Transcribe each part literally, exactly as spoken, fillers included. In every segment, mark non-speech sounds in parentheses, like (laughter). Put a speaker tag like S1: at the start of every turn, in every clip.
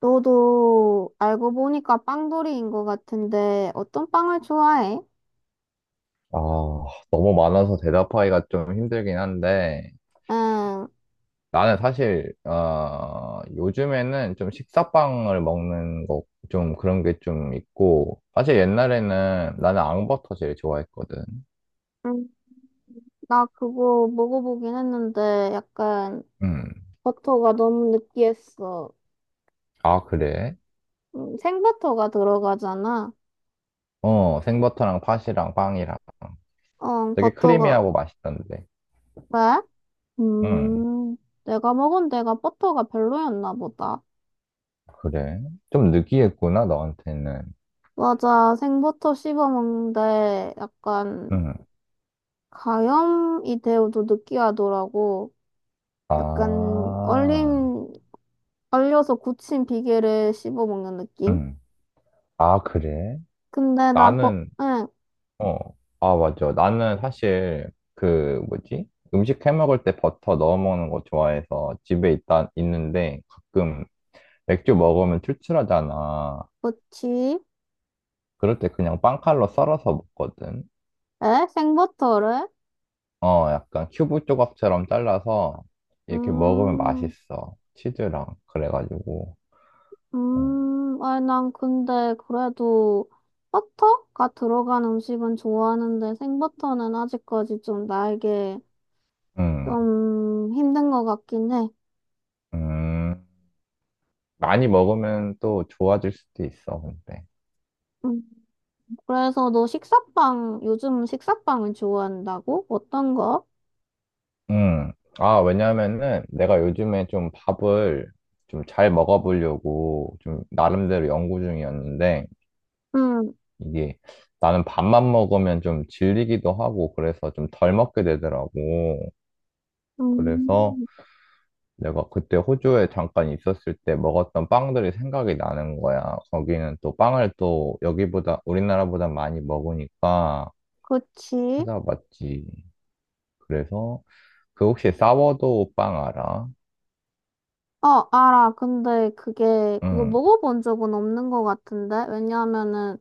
S1: 너도 알고 보니까 빵돌이인 것 같은데 어떤 빵을 좋아해?
S2: 아, 너무 많아서 대답하기가 좀 힘들긴 한데,
S1: 응,
S2: 나는 사실, 어, 요즘에는 좀 식사빵을 먹는 거, 좀 그런 게 좀 있고, 사실 옛날에는 나는 앙버터 제일 좋아했거든.
S1: 응, 나 그거 먹어보긴 했는데 약간
S2: 음.
S1: 버터가 너무 느끼했어.
S2: 아, 그래?
S1: 음, 생버터가 들어가잖아.
S2: 어, 생버터랑 팥이랑 빵이랑.
S1: 어,
S2: 되게
S1: 버터가
S2: 크리미하고 맛있던데.
S1: 왜?
S2: 음,
S1: 음, 내가 먹은 데가 버터가 별로였나 보다.
S2: 그래? 좀 느끼했구나, 너한테는.
S1: 맞아, 생버터 씹어 먹는데 약간
S2: 음.
S1: 가염이 되어도 느끼하더라고. 약간
S2: 아,
S1: 얼림 얼려서 굳힌 비계를 씹어 먹는 느낌?
S2: 음. 아, 그래?
S1: 근데 나 버,
S2: 나는,
S1: 응,
S2: 어. 아, 맞아. 나는 사실 그 뭐지? 음식 해 먹을 때 버터 넣어 먹는 거 좋아해서 집에 있다 있는데 가끔 맥주 먹으면 출출하잖아.
S1: 그치?
S2: 그럴 때 그냥 빵칼로 썰어서 먹거든.
S1: 에? 생버터를?
S2: 어, 약간 큐브 조각처럼 잘라서 이렇게 먹으면
S1: 음,
S2: 맛있어. 치즈랑 그래가지고. 어.
S1: 음, 아니, 난 근데 그래도 버터가 들어간 음식은 좋아하는데 생버터는 아직까지 좀 나에게
S2: 음,
S1: 좀 힘든 것 같긴 해.
S2: 음. 많이 먹으면 또 좋아질 수도 있어, 근데.
S1: 음, 그래서 너 식사빵, 요즘 식사빵을 좋아한다고? 어떤 거?
S2: 음. 아, 왜냐면은 내가 요즘에 좀 밥을 좀 잘 먹어보려고 좀 나름대로 연구 중이었는데
S1: 응,
S2: 이게 나는 밥만 먹으면 좀 질리기도 하고 그래서 좀 덜 먹게 되더라고. 그래서
S1: 음,
S2: 내가 그때 호주에 잠깐 있었을 때 먹었던 빵들이 생각이 나는 거야. 거기는 또 빵을 또 여기보다 우리나라보다 많이 먹으니까
S1: 그치?
S2: 찾아봤지. 그래서 그 혹시 사워도우 빵 알아?
S1: 어, 알아. 근데 그게, 그거
S2: 응,
S1: 먹어본 적은 없는 것 같은데? 왜냐하면은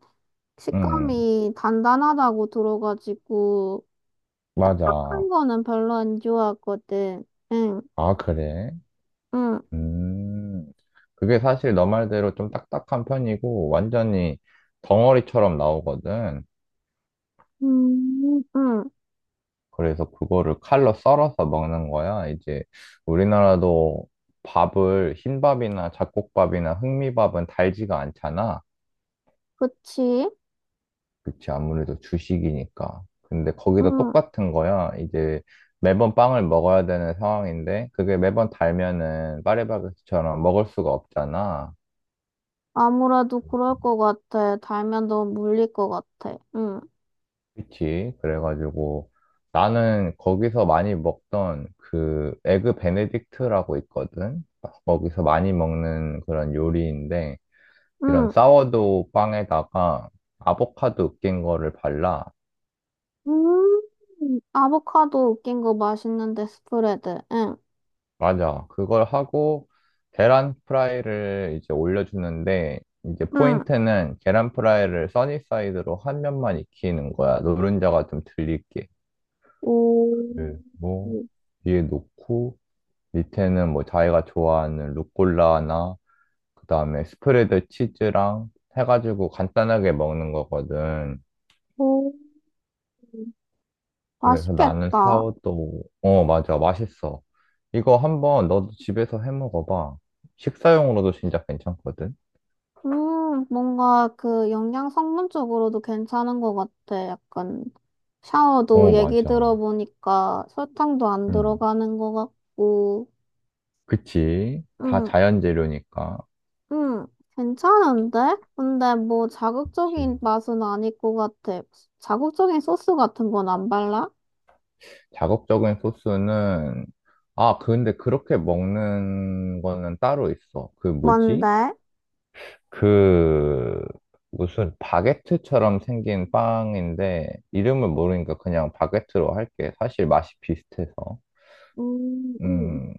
S2: 응.
S1: 식감이 단단하다고 들어가지고, 딱딱한
S2: 맞아.
S1: 거는 별로 안 좋아하거든. 응,
S2: 아, 그래?
S1: 응,
S2: 음. 그게 사실 너 말대로 좀 딱딱한 편이고, 완전히 덩어리처럼 나오거든.
S1: 음, 응.
S2: 그래서 그거를 칼로 썰어서 먹는 거야. 이제 우리나라도 밥을, 흰밥이나 잡곡밥이나 흑미밥은 달지가 않잖아.
S1: 그치?
S2: 그치, 아무래도 주식이니까. 근데 거기도
S1: 응.
S2: 똑같은 거야. 이제 매번 빵을 먹어야 되는 상황인데, 그게 매번 달면은 파리바게트처럼 먹을 수가 없잖아.
S1: 아무래도 그럴 것 같아. 달면 너무 물릴 것 같아. 응,
S2: 그치. 그래가지고 나는 거기서 많이 먹던 그 에그 베네딕트라고 있거든. 거기서 많이 먹는 그런 요리인데 이런
S1: 응.
S2: 사워도우 빵에다가 아보카도 으깬 거를 발라.
S1: 음, 아보카도 웃긴 거 맛있는데, 스프레드. 응,
S2: 맞아. 그걸 하고 계란 프라이를 이제 올려주는데 이제
S1: 응.
S2: 포인트는 계란 프라이를 써니사이드로 한 면만 익히는 거야. 노른자가 좀 들릴게.
S1: 오,
S2: 그리고 위에 놓고 밑에는 뭐 자기가 좋아하는 루꼴라나 그다음에 스프레드 치즈랑 해가지고 간단하게 먹는 거거든.
S1: 오.
S2: 그래서 나는 사
S1: 맛있겠다.
S2: 워도 어, 맞아. 맛있어. 이거 한번 너도 집에서 해 먹어봐. 식사용으로도 진짜 괜찮거든.
S1: 음, 뭔가 그 영양 성분 쪽으로도 괜찮은 것 같아. 약간 샤워도
S2: 어,
S1: 얘기
S2: 맞아.
S1: 들어보니까 설탕도 안
S2: 음,
S1: 들어가는 것 같고.
S2: 그치. 다
S1: 음,
S2: 자연 재료니까.
S1: 음, 괜찮은데? 근데 뭐
S2: 그치.
S1: 자극적인 맛은 아닐 것 같아. 자극적인 소스 같은 건 안 발라?
S2: 자극적인 소스는 아, 근데 그렇게 먹는 거는 따로 있어. 그 뭐지?
S1: 뭔데?
S2: 그 무슨 바게트처럼 생긴 빵인데 이름을 모르니까 그냥 바게트로 할게. 사실 맛이 비슷해서.
S1: 음, 음.
S2: 음,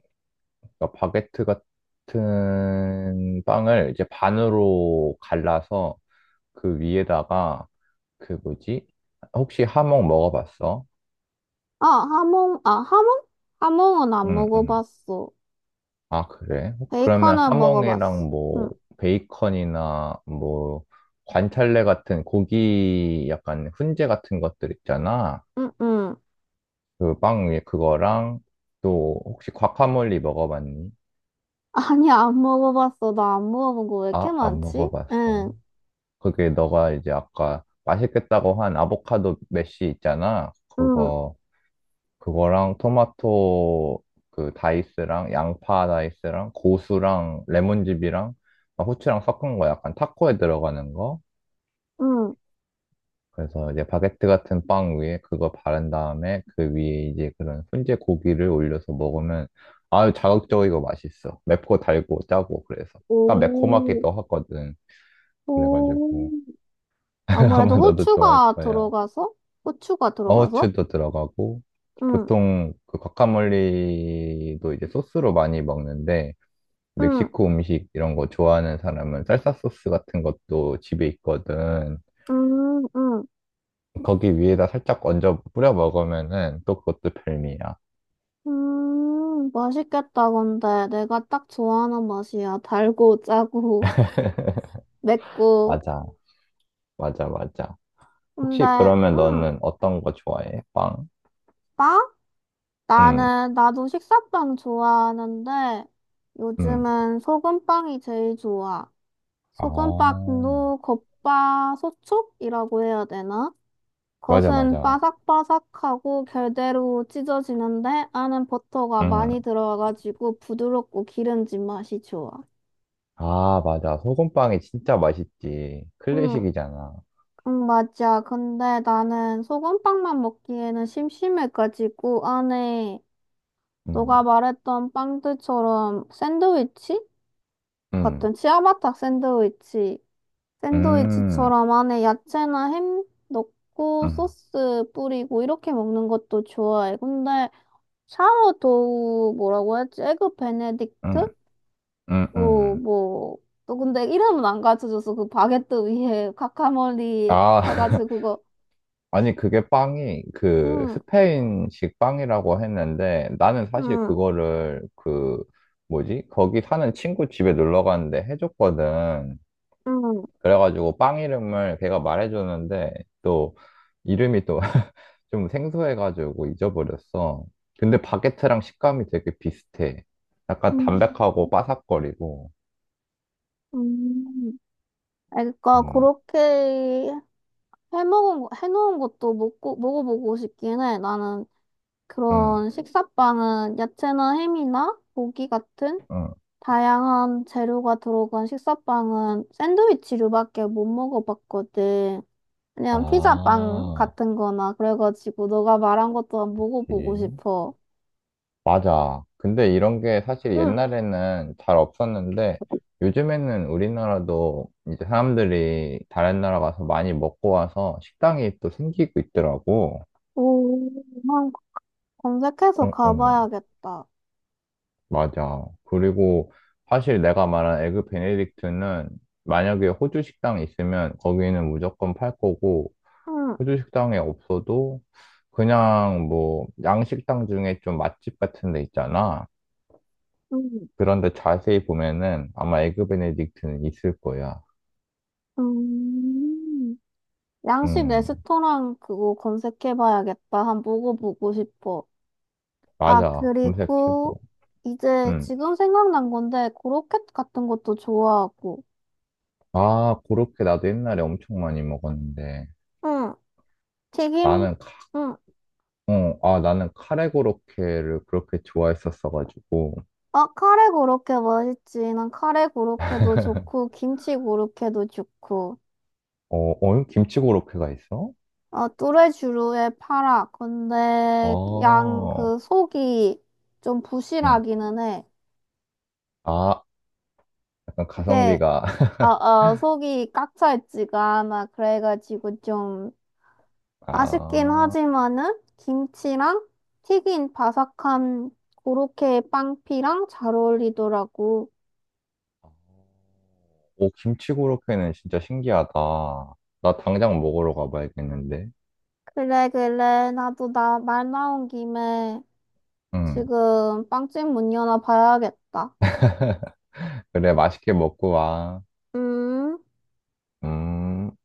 S2: 그러니까 바게트 같은 빵을 이제 반으로 갈라서 그 위에다가 그 뭐지? 혹시 하몽 먹어봤어?
S1: 아, 하몽, 아, 하몽? 하몽은 안
S2: 응, 응.
S1: 먹어봤어.
S2: 아, 그래? 그러면
S1: 베이컨은 먹어봤어.
S2: 하몽이랑 뭐
S1: 응.
S2: 베이컨이나 뭐 관찰래 같은 고기 약간 훈제 같은 것들 있잖아.
S1: 응응.
S2: 그 빵 위에 그거랑 또 혹시 과카몰리 먹어봤니?
S1: 아니, 안 먹어봤어. 나 안 먹어본 거 왜 이렇게
S2: 아, 안
S1: 많지?
S2: 먹어봤어.
S1: 응,
S2: 그게 너가 이제 아까 맛있겠다고 한 아보카도 메쉬 있잖아.
S1: 응,
S2: 그거 그거랑 토마토 그 다이스랑 양파 다이스랑 고수랑 레몬즙이랑 막 후추랑 섞은 거 약간 타코에 들어가는 거.
S1: 응.
S2: 그래서 이제 바게트 같은 빵 위에 그거 바른 다음에 그 위에 이제 그런 훈제 고기를 올려서 먹으면 아유 자극적이고 맛있어. 맵고 달고 짜고 그래서. 약간
S1: 오,
S2: 매콤하기도 하거든.
S1: 오.
S2: 그래가지고 (laughs)
S1: 아무래도
S2: 아마 너도 좋아할
S1: 후추가
S2: 거야.
S1: 들어가서? 후추가 들어가서?
S2: 어우추도 들어가고
S1: 응,
S2: 보통 그 과카몰리도 이제 소스로 많이 먹는데
S1: 응,
S2: 멕시코 음식 이런 거 좋아하는 사람은 살사 소스 같은 것도 집에 있거든.
S1: 응, 응.
S2: 거기 위에다 살짝 얹어 뿌려 먹으면은 또 그것도 별미야.
S1: 음, 맛있겠다, 근데. 내가 딱 좋아하는 맛이야. 달고, 짜고,
S2: (laughs)
S1: (laughs) 맵고.
S2: 맞아, 맞아, 맞아.
S1: 근데,
S2: 혹시 그러면
S1: 응,
S2: 너는 어떤 거 좋아해? 빵?
S1: 빵?
S2: 응,
S1: 나는, 나도 식사빵 좋아하는데,
S2: 응,
S1: 요즘은 소금빵이 제일 좋아.
S2: 아,
S1: 소금빵도 겉바소촉이라고 해야 되나?
S2: 맞아,
S1: 겉은
S2: 맞아.
S1: 바삭바삭하고 결대로 찢어지는데 안은 버터가 많이
S2: 응.
S1: 들어가가지고 부드럽고 기름진 맛이 좋아.
S2: 아, 맞아. 소금빵이 진짜 맛있지.
S1: 응,
S2: 클래식이잖아.
S1: 응, 맞아. 근데 나는 소금빵만 먹기에는 심심해가지고 안에
S2: 응,
S1: 너가 말했던 빵들처럼 샌드위치?
S2: 응,
S1: 같은 치아바타 샌드위치
S2: 응,
S1: 샌드위치처럼 안에 야채나 햄 넣고
S2: 응,
S1: 소스 뿌리고 이렇게 먹는 것도 좋아해. 근데 샤워도우 뭐라고 했지? 에그
S2: 응,
S1: 베네딕트?
S2: 응,
S1: 뭐,
S2: 응.
S1: 뭐. 또 근데 이름은 안 가르쳐줘서 그 바게트 위에 (laughs) 카카몰리
S2: 아,
S1: 해가지고
S2: (laughs)
S1: 그거.
S2: 아니, 그게 빵이 그
S1: 응,
S2: 스페인식 빵이라고 했는데 나는 사실
S1: 응,
S2: 그거를 그 뭐지? 거기 사는 친구 집에 놀러 갔는데 해줬거든.
S1: 응,
S2: 그래가지고 빵 이름을 걔가 말해줬는데 또 이름이 또 (laughs) 좀 생소해가지고 잊어버렸어. 근데 바게트랑 식감이 되게 비슷해. 약간
S1: 응, 응.
S2: 담백하고 바삭거리고.
S1: 응. 그러니까
S2: 음,
S1: 그렇게 해먹은, 거- 해놓은 것도 먹고, 먹어보고 싶긴 해. 나는
S2: 음,
S1: 그런 식사빵은 야채나 햄이나 고기 같은
S2: 음.
S1: 다양한 재료가 들어간 식사빵은 샌드위치류밖에 못 먹어봤거든. 그냥 피자빵
S2: 아,
S1: 같은 거나 그래가지고 너가 말한 것도 한번 먹어보고
S2: 예.
S1: 싶어.
S2: 맞아. 근데 이런 게 사실
S1: 응.
S2: 옛날에는 잘 없었는데 요즘에는 우리나라도 이제 사람들이 다른 나라 가서 많이 먹고 와서 식당이 또 생기고 있더라고.
S1: 오, 한 검색해서
S2: 응, 응.
S1: 가봐야겠다.
S2: 맞아. 그리고 사실 내가 말한 에그 베네딕트는 만약에 호주 식당이 있으면 거기는 무조건 팔 거고
S1: 응.
S2: 호주 식당에 없어도 그냥 뭐 양식당 중에 좀 맛집 같은 데 있잖아.
S1: 응.
S2: 그런데 자세히 보면은 아마 에그 베네딕트는 있을 거야.
S1: 음. 양식
S2: 음,
S1: 레스토랑 그거 검색해봐야겠다. 한번 먹어보고 싶어. 아,
S2: 맞아. 검색해보.
S1: 그리고 이제
S2: 음.
S1: 지금 생각난 건데 고로켓 같은 것도 좋아하고
S2: 아, 고로케 나도 옛날에 엄청 많이 먹었는데
S1: 응, 튀김
S2: 나는 카,
S1: 응.
S2: 어, 아, 나는 카레 고로케를 그렇게 좋아했었어가지고
S1: 아, 카레 고로케 맛있지. 난 카레 고로케도 좋고, 김치 고로케도 좋고.
S2: 어, 어, 김치 고로케가 있어?
S1: 아, 뚜레쥬르의 파라. 근데 양
S2: 어,
S1: 그 속이 좀
S2: 응.
S1: 부실하기는 해.
S2: 아, 약간
S1: 이게
S2: 가성비가. (laughs)
S1: 어, 어, 속이 꽉 차 있지가 않아. 그래가지고 좀 아쉽긴
S2: 아,
S1: 하지만은 김치랑 튀긴 바삭한 고로케 빵피랑 잘 어울리더라고.
S2: 오, 김치 고로케는 진짜 신기하다. 나 당장 먹으러 가봐야겠는데.
S1: 그래, 그래. 나도 나 말 나온 김에
S2: 응.
S1: 지금 빵집 문 여나 봐야겠다.
S2: 그래, 맛있게 먹고 와.
S1: 음.
S2: 음.